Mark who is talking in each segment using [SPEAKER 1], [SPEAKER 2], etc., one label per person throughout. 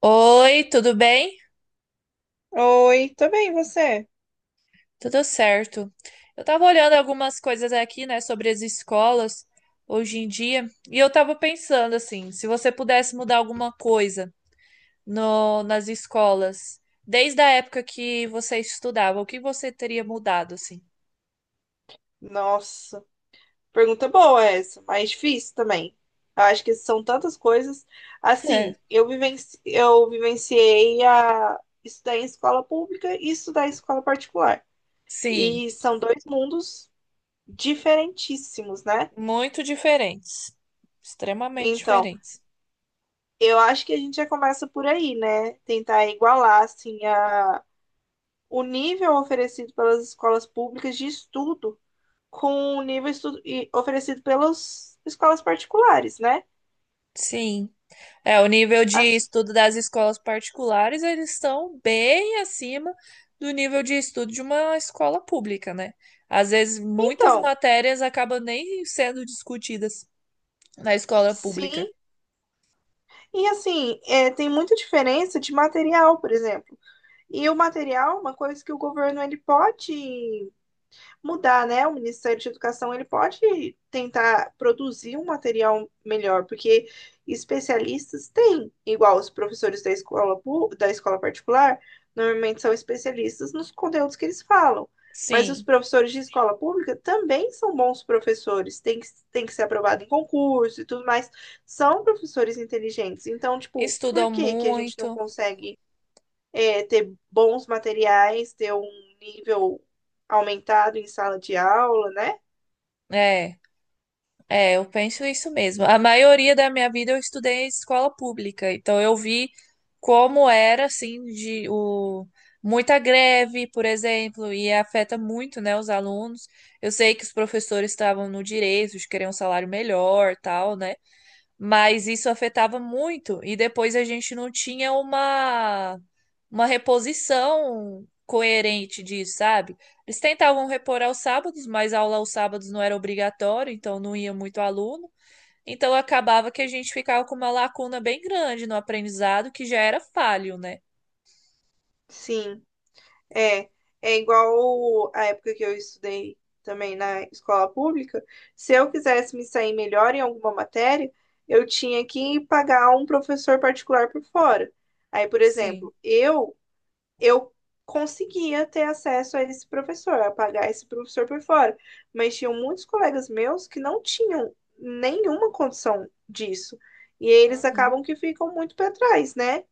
[SPEAKER 1] Oi, tudo bem?
[SPEAKER 2] Oi, tudo bem, e você?
[SPEAKER 1] Tudo certo. Eu tava olhando algumas coisas aqui, né, sobre as escolas hoje em dia, e eu tava pensando assim, se você pudesse mudar alguma coisa nas escolas, desde a época que você estudava, o que você teria mudado, assim?
[SPEAKER 2] Nossa, pergunta boa essa, mas difícil também. Eu acho que são tantas coisas.
[SPEAKER 1] É.
[SPEAKER 2] Assim, eu vivenciei a estudar em escola pública e estudar em escola particular.
[SPEAKER 1] Sim,
[SPEAKER 2] E são dois mundos diferentíssimos, né?
[SPEAKER 1] muito diferentes. Extremamente
[SPEAKER 2] Então,
[SPEAKER 1] diferentes.
[SPEAKER 2] eu acho que a gente já começa por aí, né? Tentar igualar, assim, o nível oferecido pelas escolas públicas de estudo com o nível oferecido pelas escolas particulares, né?
[SPEAKER 1] Sim. É, o nível de
[SPEAKER 2] Assim,
[SPEAKER 1] estudo das escolas particulares, eles estão bem acima do nível de estudo de uma escola pública, né? Às vezes, muitas
[SPEAKER 2] então,
[SPEAKER 1] matérias acabam nem sendo discutidas na escola pública.
[SPEAKER 2] sim. E assim, é, tem muita diferença de material, por exemplo. E o material, é uma coisa que o governo ele pode mudar, né? O Ministério de Educação ele pode tentar produzir um material melhor, porque especialistas têm, igual os professores da escola, da escola particular, normalmente são especialistas nos conteúdos que eles falam. Mas os
[SPEAKER 1] Sim,
[SPEAKER 2] professores de escola pública também são bons professores, tem que ser aprovado em concurso e tudo mais. São professores inteligentes. Então, tipo, por
[SPEAKER 1] estudam
[SPEAKER 2] que que a gente não
[SPEAKER 1] muito,
[SPEAKER 2] consegue é, ter bons materiais, ter um nível aumentado em sala de aula, né?
[SPEAKER 1] é. É, eu penso isso mesmo. A maioria da minha vida eu estudei em escola pública, então eu vi como era assim de o muita greve, por exemplo, e afeta muito, né, os alunos. Eu sei que os professores estavam no direito de querer um salário melhor, tal, né? Mas isso afetava muito e depois a gente não tinha uma reposição coerente disso, sabe? Eles tentavam repor aos sábados, mas a aula aos sábados não era obrigatório, então não ia muito aluno. Então acabava que a gente ficava com uma lacuna bem grande no aprendizado, que já era falho, né?
[SPEAKER 2] Sim, é. É igual a época que eu estudei também na escola pública. Se eu quisesse me sair melhor em alguma matéria, eu tinha que pagar um professor particular por fora. Aí, por
[SPEAKER 1] Sim.
[SPEAKER 2] exemplo, eu conseguia ter acesso a esse professor, a pagar esse professor por fora. Mas tinham muitos colegas meus que não tinham nenhuma condição disso. E eles
[SPEAKER 1] Uhum.
[SPEAKER 2] acabam que ficam muito para trás, né?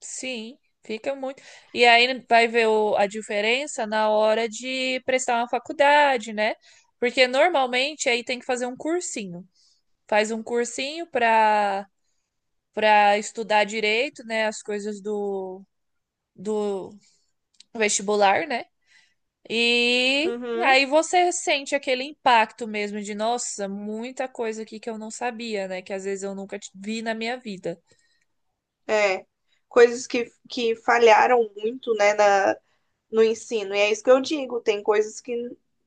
[SPEAKER 1] Sim, fica muito. E aí vai ver a diferença na hora de prestar uma faculdade, né? Porque normalmente aí tem que fazer um cursinho. Faz um cursinho para estudar direito, né? As coisas do vestibular, né? E
[SPEAKER 2] Uhum.
[SPEAKER 1] aí você sente aquele impacto mesmo de, nossa, muita coisa aqui que eu não sabia, né? Que às vezes eu nunca vi na minha vida.
[SPEAKER 2] É. Coisas que falharam muito, né, no ensino. E é isso que eu digo, tem coisas que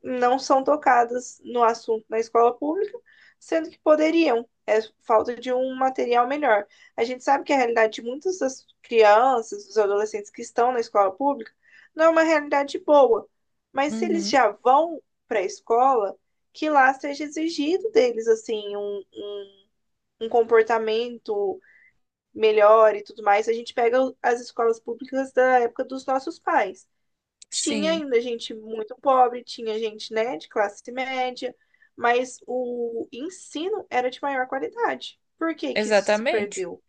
[SPEAKER 2] não são tocadas no assunto na escola pública, sendo que poderiam. É falta de um material melhor. A gente sabe que a realidade de muitas das crianças, dos adolescentes que estão na escola pública, não é uma realidade boa. Mas se eles
[SPEAKER 1] Uhum,
[SPEAKER 2] já vão para a escola, que lá seja exigido deles, assim, um comportamento melhor e tudo mais. A gente pega as escolas públicas da época dos nossos pais. Tinha
[SPEAKER 1] sim,
[SPEAKER 2] ainda gente muito pobre, tinha gente, né, de classe média, mas o ensino era de maior qualidade. Por que que isso se
[SPEAKER 1] exatamente.
[SPEAKER 2] perdeu?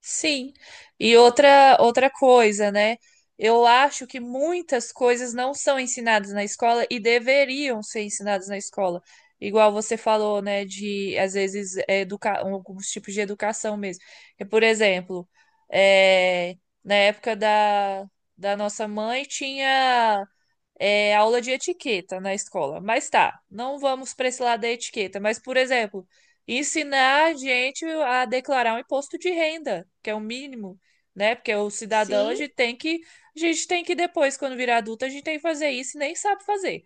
[SPEAKER 1] Sim. E outra coisa, né? Eu acho que muitas coisas não são ensinadas na escola e deveriam ser ensinadas na escola. Igual você falou, né, de às vezes educa alguns tipos de educação mesmo. Que, por exemplo, é, na época da nossa mãe tinha aula de etiqueta na escola. Mas tá, não vamos para esse lado da etiqueta. Mas, por exemplo, ensinar a gente a declarar um imposto de renda, que é o mínimo, né? Porque o cidadão,
[SPEAKER 2] Sim,
[SPEAKER 1] a gente tem que depois, quando virar adulto, a gente tem que fazer isso e nem sabe fazer.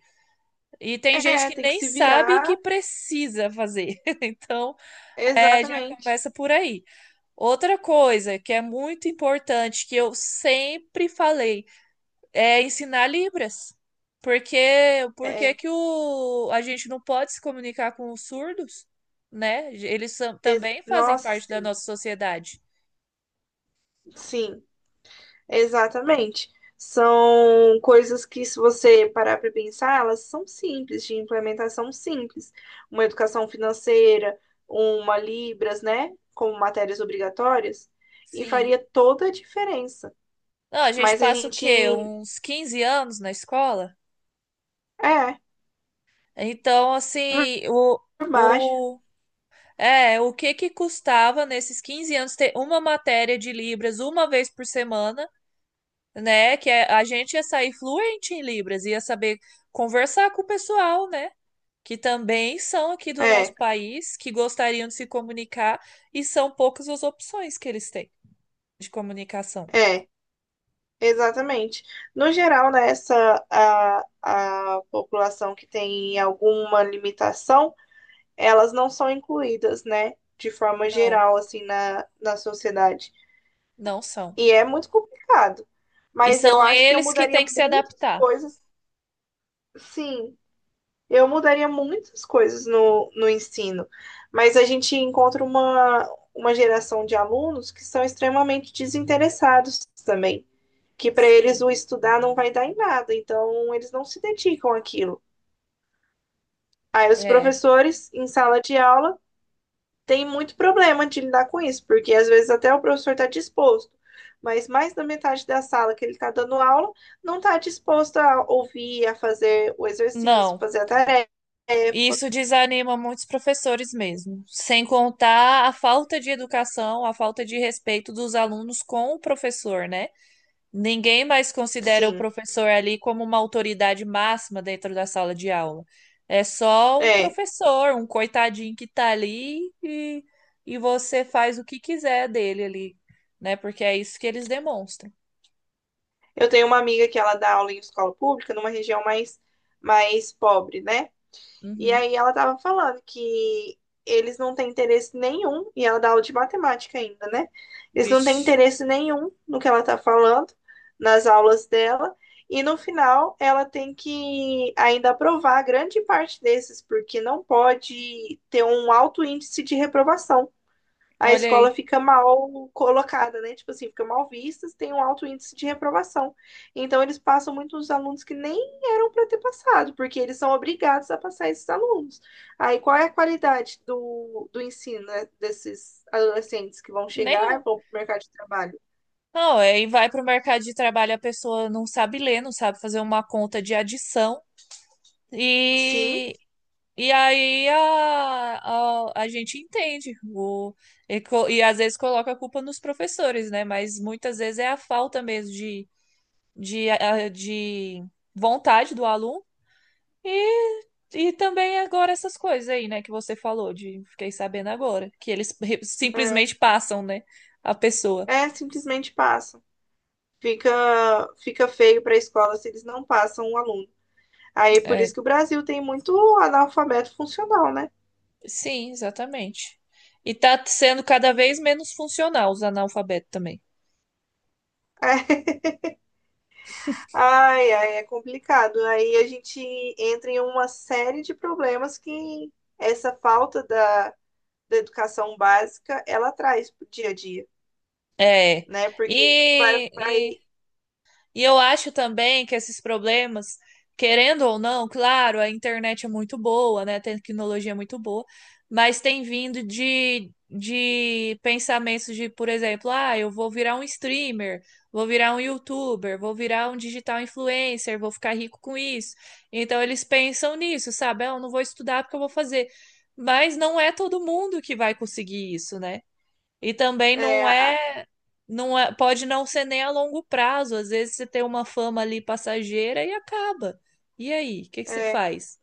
[SPEAKER 1] E tem gente
[SPEAKER 2] é,
[SPEAKER 1] que
[SPEAKER 2] tem que
[SPEAKER 1] nem
[SPEAKER 2] se
[SPEAKER 1] sabe que
[SPEAKER 2] virar,
[SPEAKER 1] precisa fazer. Então, é, já
[SPEAKER 2] exatamente.
[SPEAKER 1] começa por aí. Outra coisa que é muito importante, que eu sempre falei, é ensinar Libras. Porque, por que
[SPEAKER 2] É,
[SPEAKER 1] que a gente não pode se comunicar com os surdos, né? Também fazem
[SPEAKER 2] nossa,
[SPEAKER 1] parte da
[SPEAKER 2] sim,
[SPEAKER 1] nossa sociedade.
[SPEAKER 2] sim. Exatamente. São coisas que, se você parar para pensar, elas são simples, de implementação simples. Uma educação financeira, uma Libras, né? Como matérias obrigatórias, e
[SPEAKER 1] Sim.
[SPEAKER 2] faria toda a diferença.
[SPEAKER 1] Não, a gente
[SPEAKER 2] Mas a
[SPEAKER 1] passa o
[SPEAKER 2] gente.
[SPEAKER 1] quê? Uns 15 anos na escola?
[SPEAKER 2] É,
[SPEAKER 1] Então, assim,
[SPEAKER 2] por baixo.
[SPEAKER 1] o, o que que custava nesses 15 anos ter uma matéria de Libras uma vez por semana, né? Que a gente ia sair fluente em Libras, ia saber conversar com o pessoal, né? Que também são aqui do nosso
[SPEAKER 2] É,
[SPEAKER 1] país, que gostariam de se comunicar, e são poucas as opções que eles têm de comunicação.
[SPEAKER 2] é, exatamente. No geral, né, a população que tem alguma limitação. Elas não são incluídas, né, de forma
[SPEAKER 1] Não,
[SPEAKER 2] geral, assim, na sociedade.
[SPEAKER 1] não são.
[SPEAKER 2] E é muito complicado.
[SPEAKER 1] E
[SPEAKER 2] Mas eu
[SPEAKER 1] são
[SPEAKER 2] acho que eu
[SPEAKER 1] eles que
[SPEAKER 2] mudaria
[SPEAKER 1] têm que se
[SPEAKER 2] muitas
[SPEAKER 1] adaptar.
[SPEAKER 2] coisas, sim, eu mudaria muitas coisas no ensino. Mas a gente encontra uma geração de alunos que são extremamente desinteressados também. Que para eles
[SPEAKER 1] Sim.
[SPEAKER 2] o estudar não vai dar em nada, então eles não se dedicam àquilo. Aí os
[SPEAKER 1] É,
[SPEAKER 2] professores, em sala de aula, tem muito problema de lidar com isso, porque às vezes até o professor está disposto, mas mais da metade da sala que ele está dando aula não está disposto a ouvir, a fazer o exercício,
[SPEAKER 1] não.
[SPEAKER 2] fazer a tarefa.
[SPEAKER 1] Isso desanima muitos professores mesmo, sem contar a falta de educação, a falta de respeito dos alunos com o professor, né? Ninguém mais considera o
[SPEAKER 2] Sim,
[SPEAKER 1] professor ali como uma autoridade máxima dentro da sala de aula. É só um
[SPEAKER 2] é.
[SPEAKER 1] professor, um coitadinho que tá ali e você faz o que quiser dele ali, né? Porque é isso que eles demonstram.
[SPEAKER 2] Eu tenho uma amiga que ela dá aula em escola pública, numa região mais pobre, né? E
[SPEAKER 1] Uhum.
[SPEAKER 2] aí ela tava falando que eles não têm interesse nenhum, e ela dá aula de matemática ainda, né? Eles não têm
[SPEAKER 1] Vixe,
[SPEAKER 2] interesse nenhum no que ela tá falando, nas aulas dela, e no final ela tem que ainda aprovar grande parte desses, porque não pode ter um alto índice de reprovação, a
[SPEAKER 1] olha
[SPEAKER 2] escola
[SPEAKER 1] aí.
[SPEAKER 2] fica mal colocada, né? Tipo assim, fica mal vista, tem um alto índice de reprovação. Então, eles passam muitos alunos que nem eram para ter passado, porque eles são obrigados a passar esses alunos. Aí, qual é a qualidade do ensino, né, desses adolescentes que vão chegar
[SPEAKER 1] Nenhum.
[SPEAKER 2] e vão para o mercado de trabalho?
[SPEAKER 1] Não, aí vai para o mercado de trabalho, a pessoa não sabe ler, não sabe fazer uma conta de adição.
[SPEAKER 2] Sim,
[SPEAKER 1] E E aí a gente entende e às vezes coloca a culpa nos professores, né? Mas muitas vezes é a falta mesmo de vontade do aluno e, e também agora essas coisas aí, né, que você falou, de fiquei sabendo agora, que eles
[SPEAKER 2] é,
[SPEAKER 1] simplesmente passam, né, a pessoa.
[SPEAKER 2] é simplesmente passam. Fica, fica feio para a escola se eles não passam um aluno. Aí, por
[SPEAKER 1] É,
[SPEAKER 2] isso que o Brasil tem muito analfabeto funcional, né?
[SPEAKER 1] sim, exatamente. E tá sendo cada vez menos funcional os analfabetos também.
[SPEAKER 2] É, ai, ai, é complicado. Aí a gente entra em uma série de problemas que essa falta da educação básica ela traz para dia a dia,
[SPEAKER 1] É.
[SPEAKER 2] né? Porque isso vai
[SPEAKER 1] E, E eu acho também que esses problemas, querendo ou não, claro, a internet é muito boa, né? A tecnologia é muito boa, mas tem vindo de pensamentos de, por exemplo, ah, eu vou virar um streamer, vou virar um youtuber, vou virar um digital influencer, vou ficar rico com isso. Então eles pensam nisso, sabe? Ah, eu não vou estudar porque eu vou fazer. Mas não é todo mundo que vai conseguir isso, né? E também
[SPEAKER 2] é,
[SPEAKER 1] não é, pode não ser nem a longo prazo. Às vezes você tem uma fama ali passageira e acaba. E aí, o que que você
[SPEAKER 2] é,
[SPEAKER 1] faz?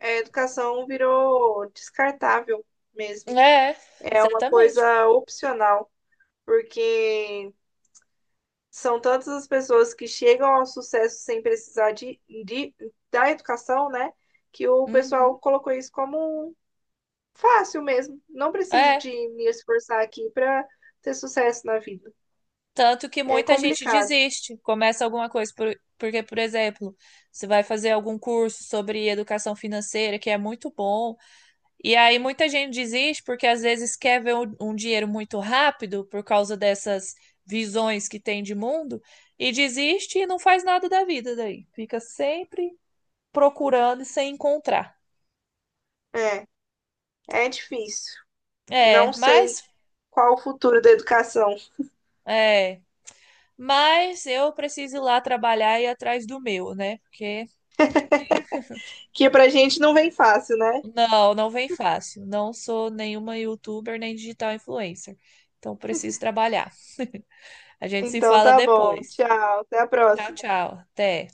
[SPEAKER 2] a educação virou descartável mesmo.
[SPEAKER 1] É,
[SPEAKER 2] É uma
[SPEAKER 1] exatamente.
[SPEAKER 2] coisa opcional, porque são tantas as pessoas que chegam ao sucesso sem precisar da educação, né? Que o
[SPEAKER 1] Uhum.
[SPEAKER 2] pessoal colocou isso como um fácil mesmo. Não preciso
[SPEAKER 1] É,
[SPEAKER 2] de me esforçar aqui para ter sucesso na vida.
[SPEAKER 1] tanto que
[SPEAKER 2] É
[SPEAKER 1] muita gente
[SPEAKER 2] complicado.
[SPEAKER 1] desiste, começa alguma coisa porque, por exemplo, você vai fazer algum curso sobre educação financeira que é muito bom. E aí muita gente desiste porque às vezes quer ver um dinheiro muito rápido por causa dessas visões que tem de mundo e desiste e não faz nada da vida daí. Fica sempre procurando e sem encontrar.
[SPEAKER 2] É, é difícil.
[SPEAKER 1] É,
[SPEAKER 2] Não sei
[SPEAKER 1] mas
[SPEAKER 2] qual o futuro da educação,
[SPEAKER 1] é, mas eu preciso ir lá trabalhar e ir atrás do meu, né? Porque
[SPEAKER 2] que pra gente não vem fácil, né?
[SPEAKER 1] não, não vem fácil. Não sou nenhuma youtuber nem digital influencer. Então preciso trabalhar. A gente se
[SPEAKER 2] Então
[SPEAKER 1] fala
[SPEAKER 2] tá bom.
[SPEAKER 1] depois.
[SPEAKER 2] Tchau. Até a
[SPEAKER 1] Tchau,
[SPEAKER 2] próxima.
[SPEAKER 1] tchau. Até.